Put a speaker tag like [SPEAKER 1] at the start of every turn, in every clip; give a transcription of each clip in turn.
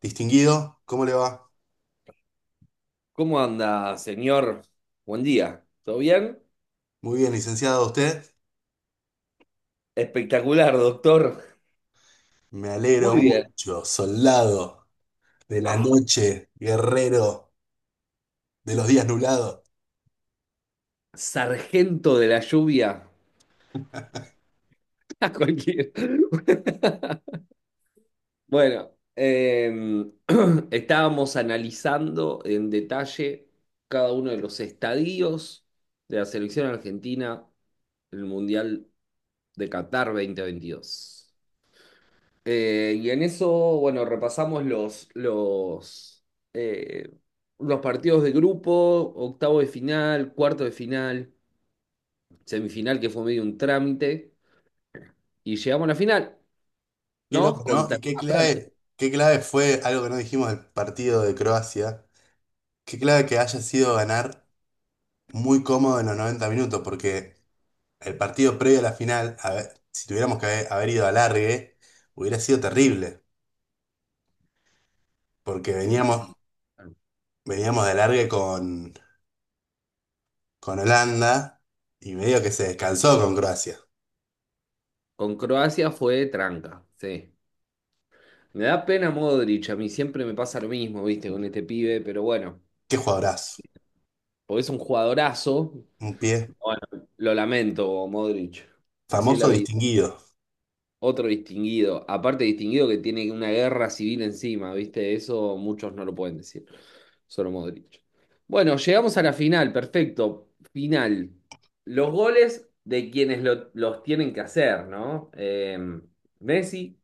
[SPEAKER 1] Distinguido, ¿cómo le va?
[SPEAKER 2] ¿Cómo anda, señor? Buen día. ¿Todo bien?
[SPEAKER 1] Muy bien, licenciado, ¿usted?
[SPEAKER 2] Espectacular, doctor.
[SPEAKER 1] Me alegro
[SPEAKER 2] Muy bien.
[SPEAKER 1] mucho, soldado de la
[SPEAKER 2] Ah,
[SPEAKER 1] noche, guerrero de los días nublados.
[SPEAKER 2] sargento de la lluvia. A cualquier- Bueno, estábamos analizando en detalle cada uno de los estadios de la selección argentina en el Mundial de Qatar 2022. Y en eso, bueno, repasamos los, eh, los partidos de grupo, octavo de final, cuarto de final, semifinal, que fue medio un trámite, y llegamos a la final,
[SPEAKER 1] Qué loco,
[SPEAKER 2] ¿no?
[SPEAKER 1] ¿no?
[SPEAKER 2] Contra
[SPEAKER 1] Y
[SPEAKER 2] Francia.
[SPEAKER 1] qué clave fue algo que no dijimos del partido de Croacia. Qué clave que haya sido ganar muy cómodo en los 90 minutos, porque el partido previo a la final, a ver, si tuviéramos que haber ido a alargue, hubiera sido terrible, porque
[SPEAKER 2] Sí.
[SPEAKER 1] veníamos,
[SPEAKER 2] Claro.
[SPEAKER 1] veníamos de alargue con Holanda y medio que se descansó con Croacia.
[SPEAKER 2] Con Croacia fue tranca, sí. Me da pena Modric, a mí siempre me pasa lo mismo, viste, con este pibe, pero bueno,
[SPEAKER 1] Qué jugadorazo.
[SPEAKER 2] porque es un jugadorazo.
[SPEAKER 1] Un pie
[SPEAKER 2] Bueno, lo lamento, Modric. Así es la
[SPEAKER 1] famoso,
[SPEAKER 2] vida.
[SPEAKER 1] distinguido.
[SPEAKER 2] Otro distinguido, aparte distinguido que tiene una guerra civil encima, ¿viste? Eso muchos no lo pueden decir, solo Modric. Bueno, llegamos a la final, perfecto, final. Los goles de quienes los tienen que hacer, ¿no? Messi,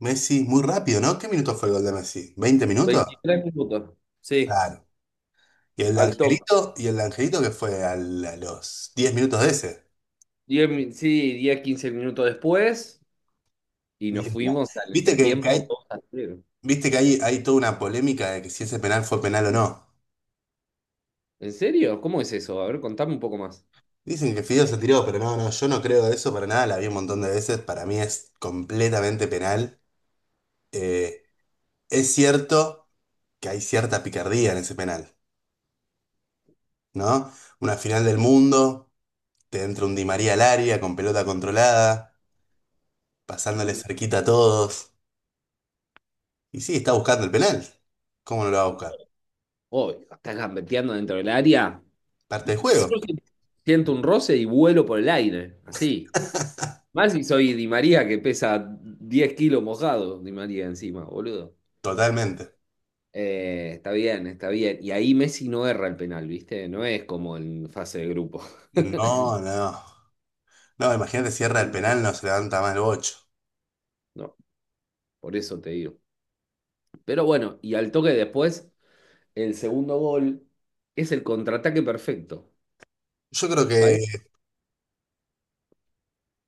[SPEAKER 1] Messi, muy rápido, ¿no? ¿Qué minuto fue el gol de Messi? ¿20 minutos?
[SPEAKER 2] 23 minutos, sí,
[SPEAKER 1] Claro. Y el de
[SPEAKER 2] al toque.
[SPEAKER 1] Angelito, que fue a los 10 minutos de ese.
[SPEAKER 2] Sí, diez 15 minutos después y nos
[SPEAKER 1] Linda.
[SPEAKER 2] fuimos al
[SPEAKER 1] Viste que, que
[SPEAKER 2] entretiempo
[SPEAKER 1] hay,
[SPEAKER 2] 2-0.
[SPEAKER 1] Viste que hay toda una polémica de que si ese penal fue penal o no.
[SPEAKER 2] ¿En serio? ¿Cómo es eso? A ver, contame un poco más.
[SPEAKER 1] Dicen que Fideo se tiró, pero no, no, yo no creo de eso para nada, la vi un montón de veces, para mí es completamente penal. Eh, es cierto que hay cierta picardía en ese penal, ¿no? Una final del mundo, te entra un Di María al área con pelota controlada, pasándole
[SPEAKER 2] Mm.
[SPEAKER 1] cerquita a todos. Y sí, está buscando el penal. ¿Cómo no lo va a buscar?
[SPEAKER 2] Oh, estás gambeteando dentro del área. Yo
[SPEAKER 1] Parte del
[SPEAKER 2] si
[SPEAKER 1] juego,
[SPEAKER 2] siento un roce y vuelo por el aire, así. Más si soy Di María que pesa 10 kilos mojado, Di María encima, boludo.
[SPEAKER 1] totalmente.
[SPEAKER 2] Está bien, está bien. Y ahí Messi no erra el penal, ¿viste? No es como en fase de grupo.
[SPEAKER 1] No, no. No, imagínate, cierra el penal, no se levanta más el bocho.
[SPEAKER 2] No, por eso te digo. Pero bueno, y al toque después, el segundo gol es el contraataque perfecto.
[SPEAKER 1] Yo creo que
[SPEAKER 2] Parece-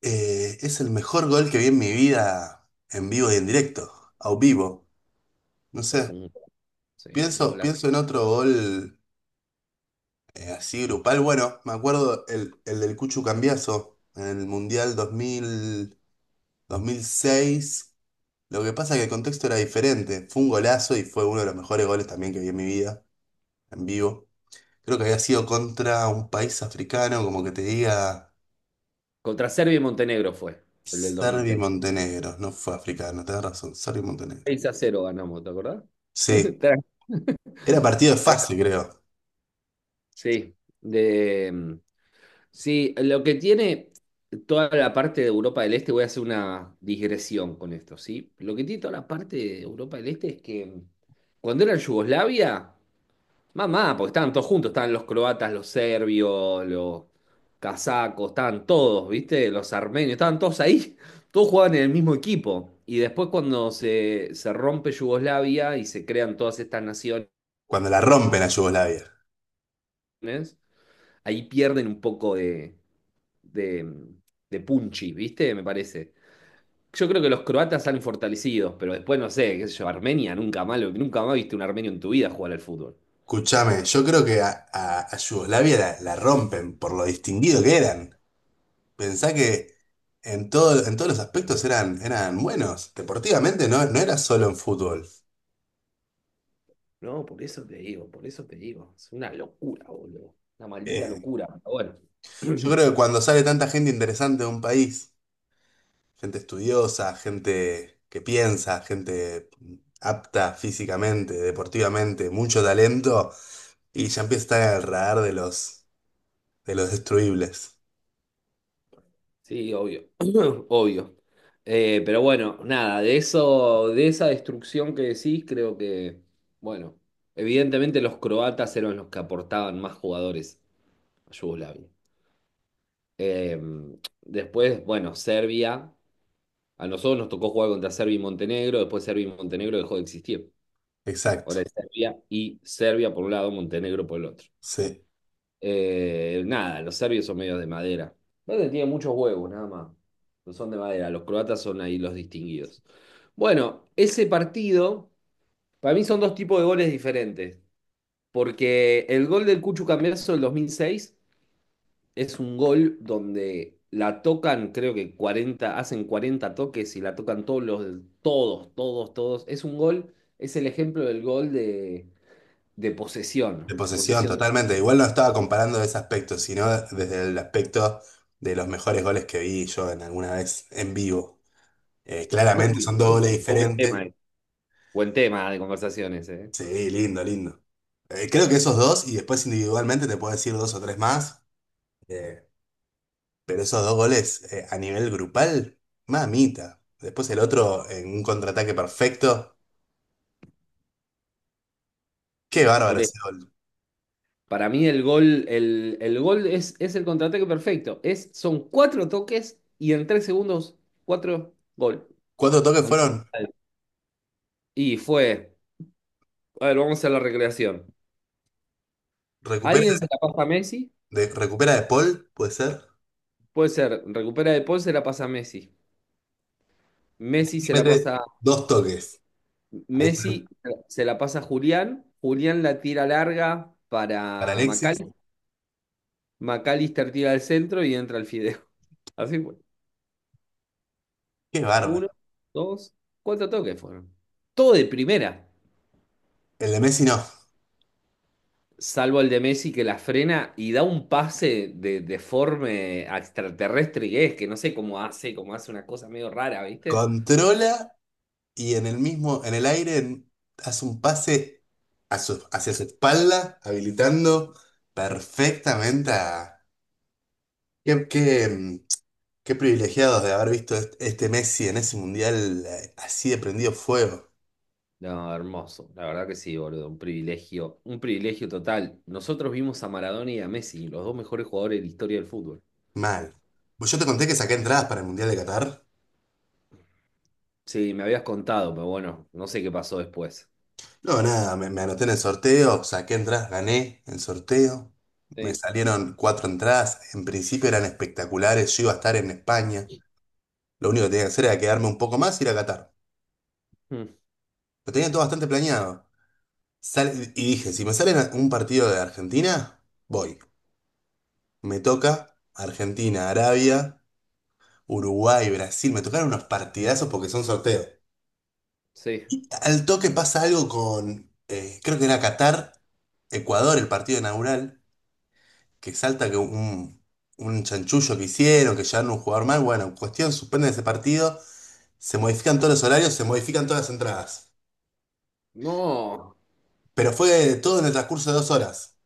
[SPEAKER 1] es el mejor gol que vi en mi vida en vivo y en directo, a vivo. No
[SPEAKER 2] Es
[SPEAKER 1] sé,
[SPEAKER 2] un, sí, es un
[SPEAKER 1] pienso,
[SPEAKER 2] golazo.
[SPEAKER 1] pienso en otro gol. Así grupal, bueno, me acuerdo el del Cuchu Cambiazo en el Mundial dos mil seis. Lo que pasa es que el contexto era diferente. Fue un golazo y fue uno de los mejores goles también que vi en mi vida, en vivo. Creo que había sido contra un país africano, como que te diga
[SPEAKER 2] Contra Serbia y Montenegro fue, el del 2006,
[SPEAKER 1] Serbia y
[SPEAKER 2] seis
[SPEAKER 1] Montenegro. No fue africano, tenés razón, Serbia y Montenegro.
[SPEAKER 2] seis a cero ganamos, ¿te acordás?
[SPEAKER 1] Sí,
[SPEAKER 2] Tranqui,
[SPEAKER 1] era partido de fase, creo,
[SPEAKER 2] sí, de, mm, sí, lo que tiene toda la parte de Europa del Este, voy a hacer una digresión con esto, ¿sí? Lo que tiene toda la parte de Europa del Este es que cuando era en Yugoslavia, mamá, porque estaban todos juntos, estaban los croatas, los serbios, los casacos, estaban todos, ¿viste? Los armenios, estaban todos ahí, todos jugaban en el mismo equipo. Y después cuando se rompe Yugoslavia y se crean todas estas naciones,
[SPEAKER 1] cuando la rompen a Yugoslavia.
[SPEAKER 2] ahí pierden un poco de de, de punchi, ¿viste? Me parece. Yo creo que los croatas salen fortalecidos, pero después no sé, qué sé yo, Armenia, nunca más, nunca más viste un armenio en tu vida jugar al fútbol.
[SPEAKER 1] Escuchame, yo creo que a Yugoslavia la rompen por lo distinguido que eran. Pensá que en todos los aspectos eran buenos. Deportivamente no, no era solo en fútbol.
[SPEAKER 2] No, por eso te digo, por eso te digo. Es una locura, boludo. Una maldita
[SPEAKER 1] Eh,
[SPEAKER 2] locura. Pero bueno.
[SPEAKER 1] yo creo que cuando sale tanta gente interesante de un país, gente estudiosa, gente que piensa, gente apta físicamente, deportivamente, mucho talento, y ya empieza a estar en el radar de los destruibles.
[SPEAKER 2] Sí, obvio. Obvio. Pero bueno, nada, de eso, de esa destrucción que decís, creo que, bueno, evidentemente los croatas eran los que aportaban más jugadores a Yugoslavia. Eh, Después, bueno, Serbia. A nosotros nos tocó jugar contra Serbia y Montenegro. Después Serbia y Montenegro dejó de existir. Ahora
[SPEAKER 1] Exacto.
[SPEAKER 2] es Serbia y Serbia por un lado, Montenegro por el otro.
[SPEAKER 1] Sí.
[SPEAKER 2] Nada, los serbios son medios de madera. No te tienen muchos huevos, nada más. No son de madera. Los croatas son ahí los distinguidos. Bueno, ese partido, para mí son dos tipos de goles diferentes. Porque el gol del Cucho Cambiaso del 2006 es un gol donde la tocan, creo que 40 hacen 40 toques y la tocan todos los, todos, todos, todos. Es un gol, es el ejemplo del gol de
[SPEAKER 1] De
[SPEAKER 2] posesión, de
[SPEAKER 1] posesión,
[SPEAKER 2] posesión.
[SPEAKER 1] totalmente. Igual no estaba comparando ese aspecto, sino desde el aspecto de los mejores goles que vi yo en alguna vez en vivo. Claramente
[SPEAKER 2] Uy,
[SPEAKER 1] son dos goles
[SPEAKER 2] qué buen tema,
[SPEAKER 1] diferentes.
[SPEAKER 2] eh. Buen tema de conversaciones, eh.
[SPEAKER 1] Sí, lindo, lindo. Creo que esos dos, y después individualmente te puedo decir dos o tres más, eh, pero esos dos goles a nivel grupal, mamita. Después el otro en un contraataque perfecto. Qué bárbaro
[SPEAKER 2] Por eso,
[SPEAKER 1] ese gol.
[SPEAKER 2] para mí el gol, el gol es el contraataque perfecto. Es, son cuatro toques y en 3 segundos, cuatro gol.
[SPEAKER 1] ¿Cuántos toques fueron?
[SPEAKER 2] Y fue, a ver, vamos a la recreación.
[SPEAKER 1] Recupera
[SPEAKER 2] ¿Alguien se la pasa a Messi?
[SPEAKER 1] recupera de Paul, puede ser.
[SPEAKER 2] Puede ser, recupera De Paul, se la pasa a Messi. Messi
[SPEAKER 1] Y
[SPEAKER 2] se la
[SPEAKER 1] mete
[SPEAKER 2] pasa,
[SPEAKER 1] dos toques. Ahí
[SPEAKER 2] Messi se la pasa a Julián. Julián la tira larga
[SPEAKER 1] para
[SPEAKER 2] para
[SPEAKER 1] Alexis.
[SPEAKER 2] Macal. McAllister tira al centro y entra el fideo. Así fue.
[SPEAKER 1] Qué bárbaro.
[SPEAKER 2] Uno, dos, cuatro toques fueron. Todo de primera,
[SPEAKER 1] El de Messi no.
[SPEAKER 2] salvo el de Messi que la frena y da un pase de forma extraterrestre que es, que no sé cómo hace una cosa medio rara, ¿viste?
[SPEAKER 1] Controla y en el mismo, en el aire hace un pase hacia su espalda, habilitando perfectamente a... Qué, qué, mm, Qué privilegiados de haber visto este Messi en ese mundial así de prendido fuego.
[SPEAKER 2] No, hermoso. La verdad que sí, boludo. Un privilegio. Un privilegio total. Nosotros vimos a Maradona y a Messi, los dos mejores jugadores de la historia del fútbol.
[SPEAKER 1] Mal. Pues yo te conté que saqué entradas para el mundial de Qatar.
[SPEAKER 2] Sí, me habías contado, pero bueno, no sé qué pasó después.
[SPEAKER 1] No, nada, me anoté en el sorteo, saqué entradas, gané el sorteo. Me
[SPEAKER 2] Sí.
[SPEAKER 1] salieron cuatro entradas, en principio eran espectaculares, yo iba a estar en España. Lo único que tenía que hacer era quedarme un poco más y ir a Qatar.
[SPEAKER 2] Mm,
[SPEAKER 1] Lo tenía todo bastante planeado. Y dije, si me sale un partido de Argentina, voy. Me toca Argentina, Arabia, Uruguay, Brasil. Me tocaron unos partidazos porque son sorteos.
[SPEAKER 2] sí.
[SPEAKER 1] Al toque pasa algo con, creo que era Qatar, Ecuador, el partido inaugural. Que salta que un chanchullo que hicieron, que llevaron un jugador mal, bueno, cuestión, suspenden ese partido, se modifican todos los horarios, se modifican todas las entradas.
[SPEAKER 2] No.
[SPEAKER 1] Pero fue todo en el transcurso de 2 horas.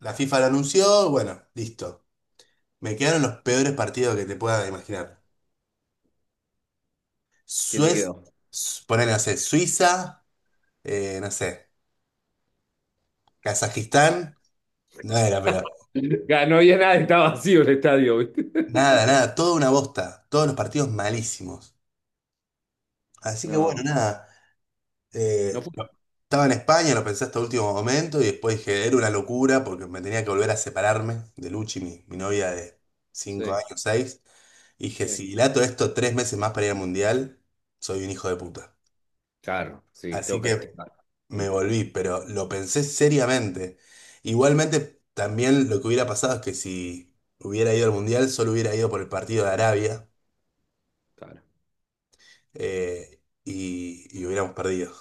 [SPEAKER 1] La FIFA lo anunció, bueno, listo. Me quedaron los peores partidos que te puedas imaginar.
[SPEAKER 2] ¿Qué te
[SPEAKER 1] Suez,
[SPEAKER 2] quedó?
[SPEAKER 1] ponele, no sé, Suiza, no sé, Kazajistán, no era, pero
[SPEAKER 2] Ya, no había nada, estaba vacío el estadio, ¿viste?
[SPEAKER 1] nada, nada, toda una bosta, todos los partidos malísimos. Así que bueno,
[SPEAKER 2] No,
[SPEAKER 1] nada. Eh,
[SPEAKER 2] no fue.
[SPEAKER 1] Estaba en España, lo pensé hasta último momento y después dije, era una locura porque me tenía que volver a separarme de Luchi, mi novia de cinco
[SPEAKER 2] Sí,
[SPEAKER 1] años, seis. Y dije,
[SPEAKER 2] sí.
[SPEAKER 1] si dilato esto 3 meses más para ir al mundial, soy un hijo de puta.
[SPEAKER 2] Claro, sí,
[SPEAKER 1] Así
[SPEAKER 2] tengo que
[SPEAKER 1] que
[SPEAKER 2] activar. Mm,
[SPEAKER 1] me volví, pero lo pensé seriamente. Igualmente, también lo que hubiera pasado es que si hubiera ido al mundial, solo hubiera ido por el partido de Arabia
[SPEAKER 2] claro.
[SPEAKER 1] y hubiéramos perdido.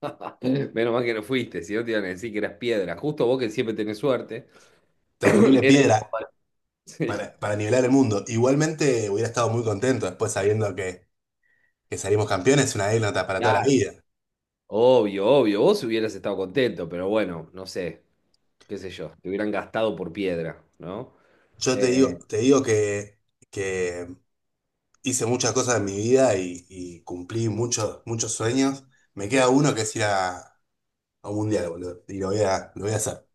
[SPEAKER 2] Menos mal que no fuiste, si no te iban a decir que eras piedra. Justo vos que siempre tenés suerte.
[SPEAKER 1] Terrible
[SPEAKER 2] Eras como-
[SPEAKER 1] piedra.
[SPEAKER 2] Sí.
[SPEAKER 1] Para nivelar el mundo. Igualmente hubiera estado muy contento después sabiendo que, salimos campeones, una anécdota para toda la
[SPEAKER 2] Claro.
[SPEAKER 1] vida.
[SPEAKER 2] Obvio, obvio, vos hubieras estado contento, pero bueno, no sé, qué sé yo, te hubieran gastado por piedra, ¿no?
[SPEAKER 1] Yo te digo,
[SPEAKER 2] Eh,
[SPEAKER 1] te digo que hice muchas cosas en mi vida y cumplí muchos, muchos sueños. Me queda uno que es ir a un mundial, boludo, y lo voy a hacer.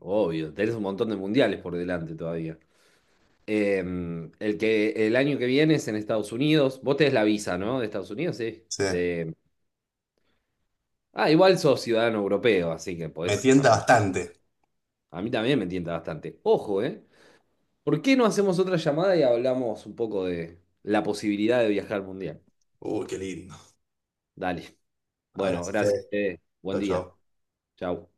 [SPEAKER 2] Obvio, tenés un montón de mundiales por delante todavía. Eh, el que el año que viene es en Estados Unidos, vos tenés la visa, ¿no? De Estados Unidos, sí.
[SPEAKER 1] Sí.
[SPEAKER 2] De... Ah, igual sos ciudadano europeo, así que
[SPEAKER 1] Me
[SPEAKER 2] podés...
[SPEAKER 1] tienta
[SPEAKER 2] aper-
[SPEAKER 1] bastante.
[SPEAKER 2] A mí también me tienta bastante. Ojo, ¿eh? ¿Por qué no hacemos otra llamada y hablamos un poco de la posibilidad de viajar al mundial?
[SPEAKER 1] Uy, qué lindo.
[SPEAKER 2] Dale. Bueno,
[SPEAKER 1] Abrazo,
[SPEAKER 2] gracias,
[SPEAKER 1] Fede.
[SPEAKER 2] Fede. Buen
[SPEAKER 1] Chau,
[SPEAKER 2] día.
[SPEAKER 1] chau.
[SPEAKER 2] Chau.